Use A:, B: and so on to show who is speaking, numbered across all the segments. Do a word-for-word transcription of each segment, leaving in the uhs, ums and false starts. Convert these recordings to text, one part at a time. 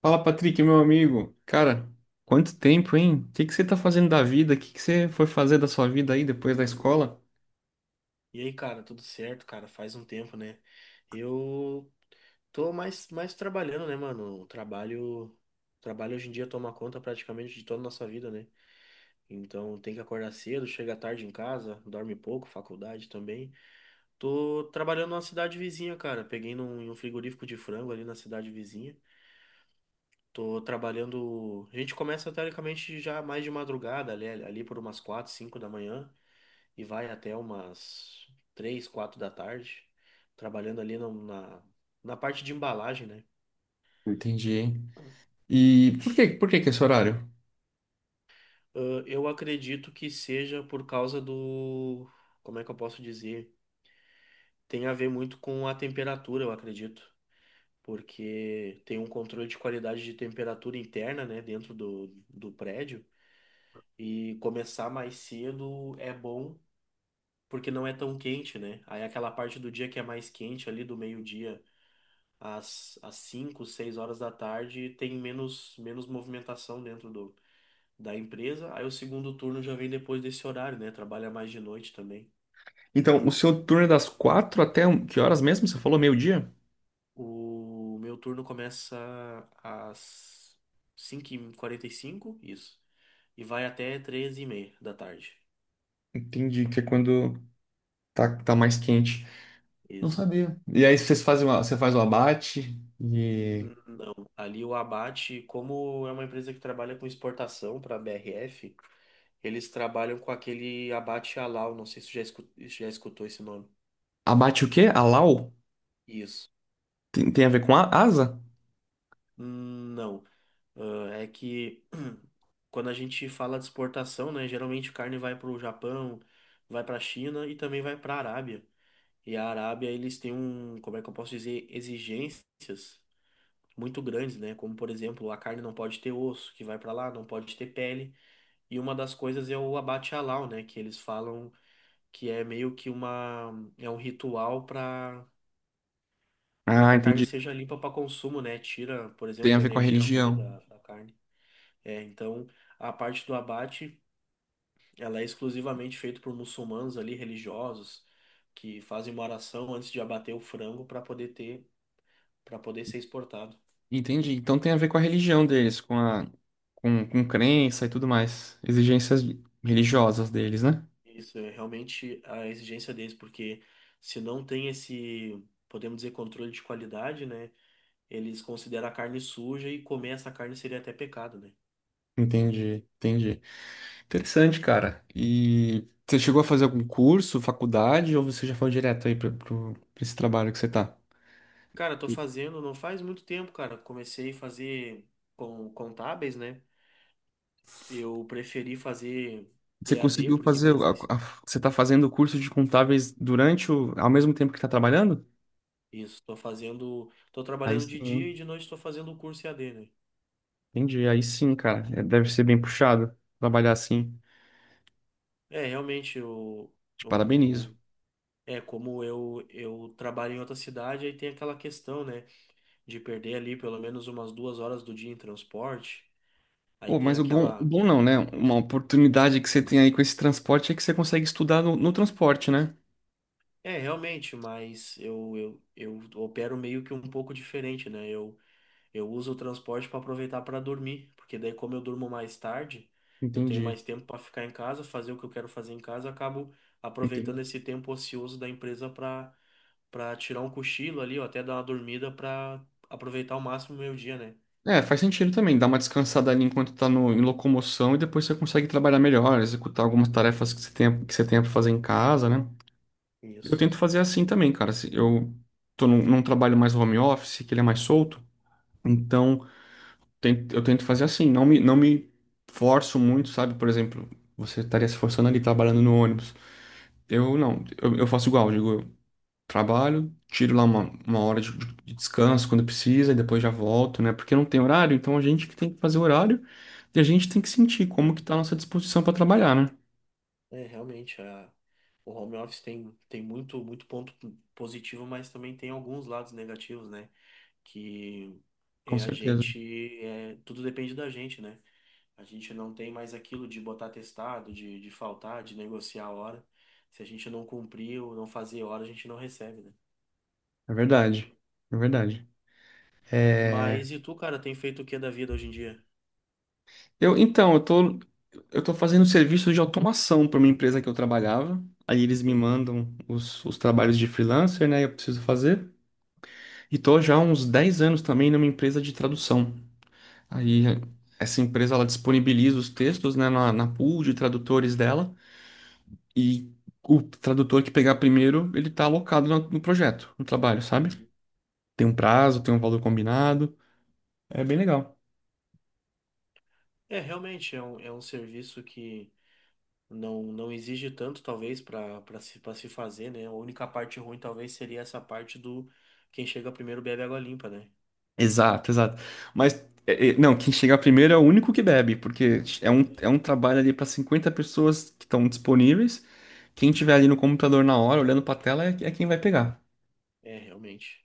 A: Fala, Patrick, meu amigo. Cara, quanto tempo, hein? O que que você tá fazendo da vida? O que que você foi fazer da sua vida aí depois da escola?
B: E aí, cara, tudo certo, cara? Faz um tempo, né? Eu tô mais, mais trabalhando, né, mano? O trabalho, o trabalho hoje em dia toma conta praticamente de toda a nossa vida, né? Então tem que acordar cedo, chega tarde em casa, dorme pouco, faculdade também. Tô trabalhando numa cidade vizinha, cara. Peguei num, em um frigorífico de frango ali na cidade vizinha. Tô trabalhando. A gente começa teoricamente já mais de madrugada, ali, ali por umas quatro, cinco da manhã e vai até umas três, quatro da tarde, trabalhando ali na, na, na parte de embalagem, né?
A: Entendi, hein?
B: Ah,
A: E por que, por que que é esse horário?
B: eu acredito que seja por causa do. Como é que eu posso dizer? Tem a ver muito com a temperatura, eu acredito. Porque tem um controle de qualidade de temperatura interna, né, dentro do, do prédio. E começar mais cedo é bom, porque não é tão quente, né? Aí aquela parte do dia que é mais quente, ali do meio-dia às, às cinco, seis horas da tarde tem menos, menos movimentação dentro do, da empresa. Aí o segundo turno já vem depois desse horário, né? Trabalha mais de noite também.
A: Então, o seu turno é das quatro até um- que horas mesmo? Você falou meio-dia?
B: O meu turno começa às cinco e quarenta e cinco, isso. E vai até treze e meia da tarde.
A: Entendi, que é quando tá, tá mais quente. Não
B: Isso.
A: sabia. E aí vocês fazem uma- você faz o abate e...
B: N- Não, ali o abate, como é uma empresa que trabalha com exportação para B R F, eles trabalham com aquele abate halal, não sei se você já escu- já escutou esse nome.
A: Abate o quê? Alau?
B: Isso.
A: Tem, tem a ver com a asa?
B: Hum. Não. Ah, é que quando a gente fala de exportação, né, geralmente carne vai para o Japão, vai para a China e também vai para a Arábia. E a Arábia, eles têm um, como é que eu posso dizer, exigências muito grandes, né? Como, por exemplo, a carne não pode ter osso, que vai para lá, não pode ter pele. E uma das coisas é o abate halal, né, que eles falam que é meio que uma, é um ritual para para
A: Ah,
B: que a carne
A: entendi.
B: seja limpa para consumo, né? Tira, por
A: Tem a
B: exemplo,
A: ver com a
B: energia ruim
A: religião.
B: da, da carne. É, então a parte do abate, ela é exclusivamente feita por muçulmanos ali religiosos que fazem uma oração antes de abater o frango para poder ter, para poder ser exportado.
A: Entendi. Então tem a ver com a religião deles, com a com, com crença e tudo mais. Exigências religiosas deles, né?
B: Isso é realmente a exigência deles, porque se não tem esse, podemos dizer, controle de qualidade, né? Eles consideram a carne suja e comer essa carne seria até pecado, né?
A: Entendi, entendi. Interessante, cara. E você chegou a fazer algum curso, faculdade, ou você já foi direto aí para esse trabalho que você tá?
B: Cara, tô
A: E
B: fazendo, não faz muito tempo, cara. Comecei a fazer com contábeis, né? Eu preferi fazer
A: Você
B: E A D,
A: conseguiu
B: porque
A: fazer. A-
B: presença.
A: a- você tá fazendo o curso de contábeis durante o. ao mesmo tempo que tá trabalhando?
B: Isso, estou fazendo, estou
A: Aí
B: trabalhando
A: sim,
B: de dia e
A: hein?
B: de noite estou fazendo o curso E A D, né?
A: Entendi. Aí sim, cara. É, deve ser bem puxado trabalhar assim.
B: É, realmente, o,
A: Te
B: o,
A: parabenizo.
B: o- é como eu, eu trabalho em outra cidade, aí tem aquela questão, né, de perder ali pelo menos umas duas horas do dia em transporte, aí
A: Pô,
B: tem
A: mas o bom, o
B: aquela,
A: bom não,
B: que
A: né? Uma oportunidade que você tem aí com esse transporte é que você consegue estudar no, no transporte, né?
B: é, realmente, mas eu, eu, eu opero meio que um pouco diferente, né? eu Eu uso o transporte para aproveitar para dormir, porque daí como eu durmo mais tarde, eu tenho
A: Entendi,
B: mais tempo para ficar em casa, fazer o que eu quero fazer em casa, eu acabo aproveitando
A: entendi.
B: esse tempo ocioso da empresa para para tirar um cochilo ali, ou até dar uma dormida para aproveitar ao máximo o meu dia, né?
A: É, faz sentido também, dá uma descansada ali enquanto tá no, em locomoção e depois você consegue trabalhar melhor, executar algumas tarefas que você tenha, que você tenha para fazer em casa, né? Eu
B: Isso.
A: tento fazer assim também, cara. Se Eu tô num, num trabalho mais home office, que ele é mais solto, então ten- eu tento fazer assim, não me, não me forço muito, sabe? Por exemplo, você estaria se forçando ali trabalhando no ônibus. Eu não, eu, eu faço igual, digo. Trabalho, tiro lá uma, uma hora de, de descanso quando precisa e depois já volto, né? Porque não tem horário, então a gente que tem que fazer horário e a gente tem que sentir como que tá a nossa disposição para trabalhar, né?
B: É, realmente, a, o home office tem, tem muito, muito ponto positivo, mas também tem alguns lados negativos, né? Que
A: Com
B: é a
A: certeza.
B: gente, é, tudo depende da gente, né? A gente não tem mais aquilo de botar testado, de, de faltar, de negociar a hora. Se a gente não cumprir ou não fazer hora, a gente não recebe, né?
A: É verdade. É verdade. É,
B: Mas e tu, cara, tem feito o que da vida hoje em dia?
A: Eu, então, eu tô, eu tô fazendo serviço de automação para uma empresa que eu trabalhava. Aí eles me
B: Entendi.
A: mandam os, os trabalhos de freelancer, né? Eu preciso fazer. E tô já há uns dez anos também numa empresa de tradução. Aí
B: Uhum,
A: essa empresa ela disponibiliza os textos, né, na, na pool de tradutores dela e o tradutor que pegar primeiro, ele tá alocado no, no projeto, no trabalho, sabe?
B: uhum.
A: Tem um prazo, tem um valor combinado, é bem legal.
B: É, realmente, é um, é um serviço que não, não exige tanto, talvez, para para se, para se fazer, né? A única parte ruim, talvez, seria essa parte do quem chega primeiro bebe água limpa, né?
A: Exato, exato. Mas é, é, não, quem chegar primeiro é o único que bebe, porque é um,
B: É,
A: é um trabalho ali para cinquenta pessoas que estão disponíveis. Quem tiver ali no computador na hora, olhando para a tela, é, é quem vai pegar.
B: é, realmente.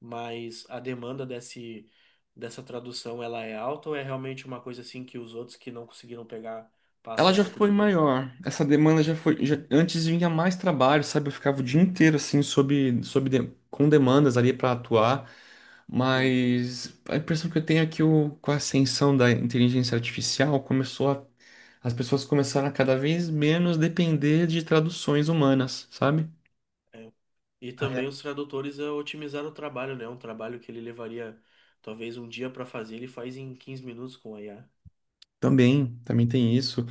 B: Mas a demanda desse, dessa tradução ela é alta ou é realmente uma coisa assim que os outros que não conseguiram pegar
A: Ela
B: passam um
A: já
B: pouco de
A: foi
B: perrengue?
A: maior. Essa demanda já foi. Já- Antes vinha mais trabalho, sabe? Eu ficava o dia inteiro assim, sob, sob de- com demandas ali para atuar.
B: Sim.
A: Mas a impressão que eu tenho é que o, com a ascensão da inteligência artificial começou a, as pessoas começaram a cada vez menos depender de traduções humanas, sabe?
B: É. E também os tradutores é, otimizaram o trabalho, né? Um trabalho que ele levaria talvez um dia para fazer, ele faz em quinze minutos com a I A.
A: Também, também tem isso.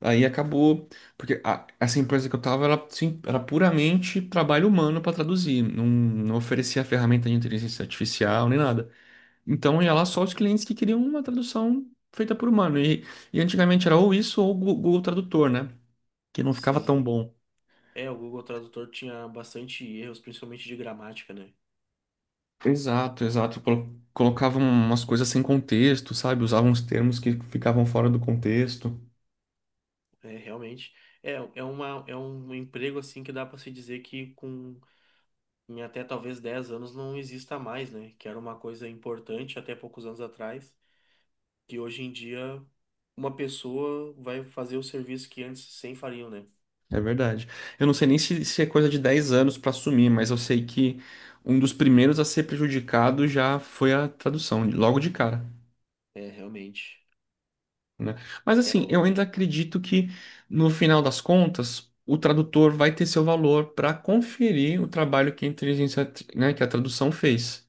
A: Aí acabou, porque a- essa empresa que eu tava era, sim, era puramente trabalho humano para traduzir, não, não oferecia ferramenta de inteligência artificial nem nada. Então ia lá só os clientes que queriam uma tradução feita por humano. E e antigamente era ou isso ou o Gu- Google Tradutor, né? Que não ficava
B: Sim.
A: tão bom.
B: É, o Google Tradutor tinha bastante erros, principalmente de gramática, né?
A: Exato, exato. Colo- Colocavam umas coisas sem contexto, sabe? Usavam uns termos que
B: Sim.
A: ficavam fora do contexto.
B: É, realmente. É, é uma, é um emprego assim que dá para se dizer que com em até talvez dez anos não exista mais, né? Que era uma coisa importante até poucos anos atrás, que hoje em dia uma pessoa vai fazer o serviço que antes cem fariam, né?
A: É verdade. Eu não sei nem se, se é coisa de dez anos para assumir, mas eu sei que um dos primeiros a ser prejudicado já foi a tradução, logo de cara.
B: É, realmente.
A: Né? Mas
B: É,
A: assim, eu
B: o...
A: ainda acredito que no final das contas o tradutor vai ter seu valor para conferir o trabalho que a inteligência, né, que a tradução fez.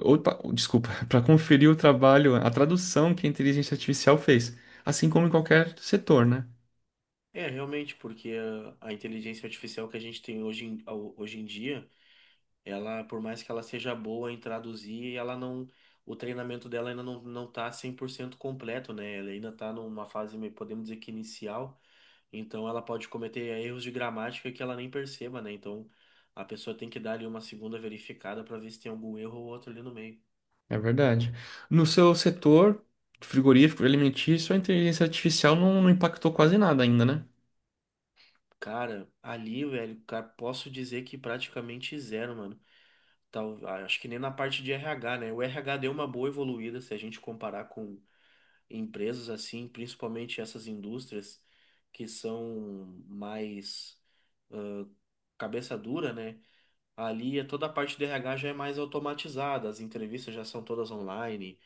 A: Ou, desculpa, para conferir o trabalho, a tradução que a inteligência artificial fez, assim como em qualquer setor, né?
B: É realmente, porque a, a inteligência artificial que a gente tem hoje em, ao- hoje em dia, ela, por mais que ela seja boa em traduzir, ela não. O treinamento dela ainda não, não tá cem por cento completo, né? Ela ainda tá numa fase, meio- podemos dizer que inicial. Então ela pode cometer erros de gramática que ela nem perceba, né? Então a pessoa tem que dar ali uma segunda verificada para ver se tem algum erro ou outro ali no meio.
A: É verdade. No seu setor frigorífico, alimentício, a inteligência artificial não, não impactou quase nada ainda, né?
B: Cara, ali, velho, cara, posso dizer que praticamente zero, mano. Tal, ah, acho que nem na parte de R H, né? O R H deu uma boa evoluída se a gente comparar com empresas assim, principalmente essas indústrias que são mais ah, cabeça dura, né? Ali é toda a parte do R H já é mais automatizada, as entrevistas já são todas online.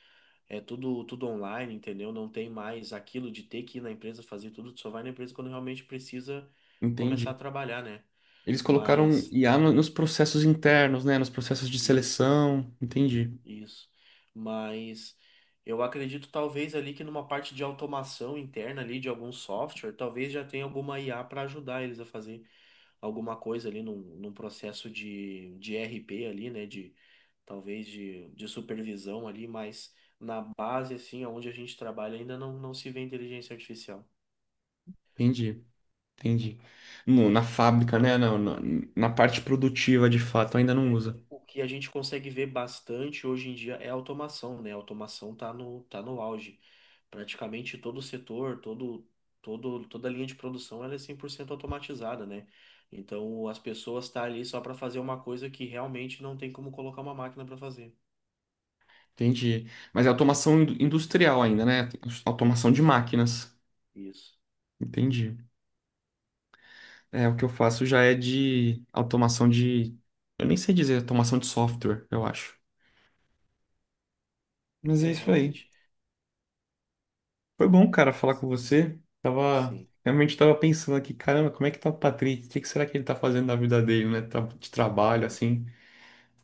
B: É tudo, tudo online, entendeu? Não tem mais aquilo de ter que ir na empresa fazer tudo, tu só vai na empresa quando realmente precisa começar a
A: Entendi.
B: trabalhar, né?
A: Eles colocaram
B: Mas
A: I A no- nos processos internos, né? Nos processos de
B: isso,
A: seleção. Entendi.
B: isso. Mas eu acredito talvez ali que numa parte de automação interna ali de algum software, talvez já tenha alguma I A para ajudar eles a fazer alguma coisa ali num, num processo de, de R P ali, né? De talvez de, de supervisão ali, mas na base assim, onde a gente trabalha ainda não, não se vê inteligência artificial.
A: Entendi. Entendi. No- na fábrica, né? Na, na, na parte produtiva, de fato, ainda não
B: É,
A: usa.
B: o que a gente consegue ver bastante hoje em dia é a automação, né? A automação tá no, tá no auge. Praticamente todo o setor, todo, todo, toda a linha de produção, ela é cem por cento automatizada, né? Então, as pessoas estão ali só para fazer uma coisa que realmente não tem como colocar uma máquina para fazer.
A: Entendi. Mas é automação in- industrial ainda, né? Automação
B: Isso,
A: de máquinas.
B: isso.
A: Entendi. É, o que eu faço já é de automação de. Eu nem sei dizer, automação de software, eu acho. Mas é
B: É,
A: isso aí.
B: realmente.
A: Foi bom, cara, falar com você. Tava.
B: Sim.
A: Realmente tava pensando aqui, caramba, como é que tá o Patrick? O que que será que ele tá fazendo na vida dele, né? Tra- De trabalho,
B: Aham.
A: assim.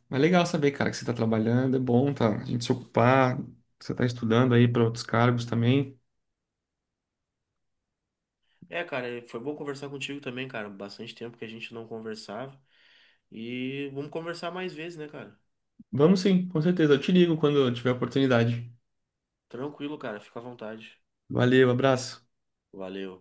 A: Mas é legal saber, cara, que você está trabalhando, é bom, tá? A gente se ocupar, você está estudando aí para outros cargos também.
B: É, cara, foi bom conversar contigo também, cara. Bastante tempo que a gente não conversava. E vamos conversar mais vezes, né, cara?
A: Vamos sim, com certeza. Eu te ligo quando eu tiver oportunidade.
B: Tranquilo, cara. Fica à vontade.
A: Valeu, abraço.
B: Valeu.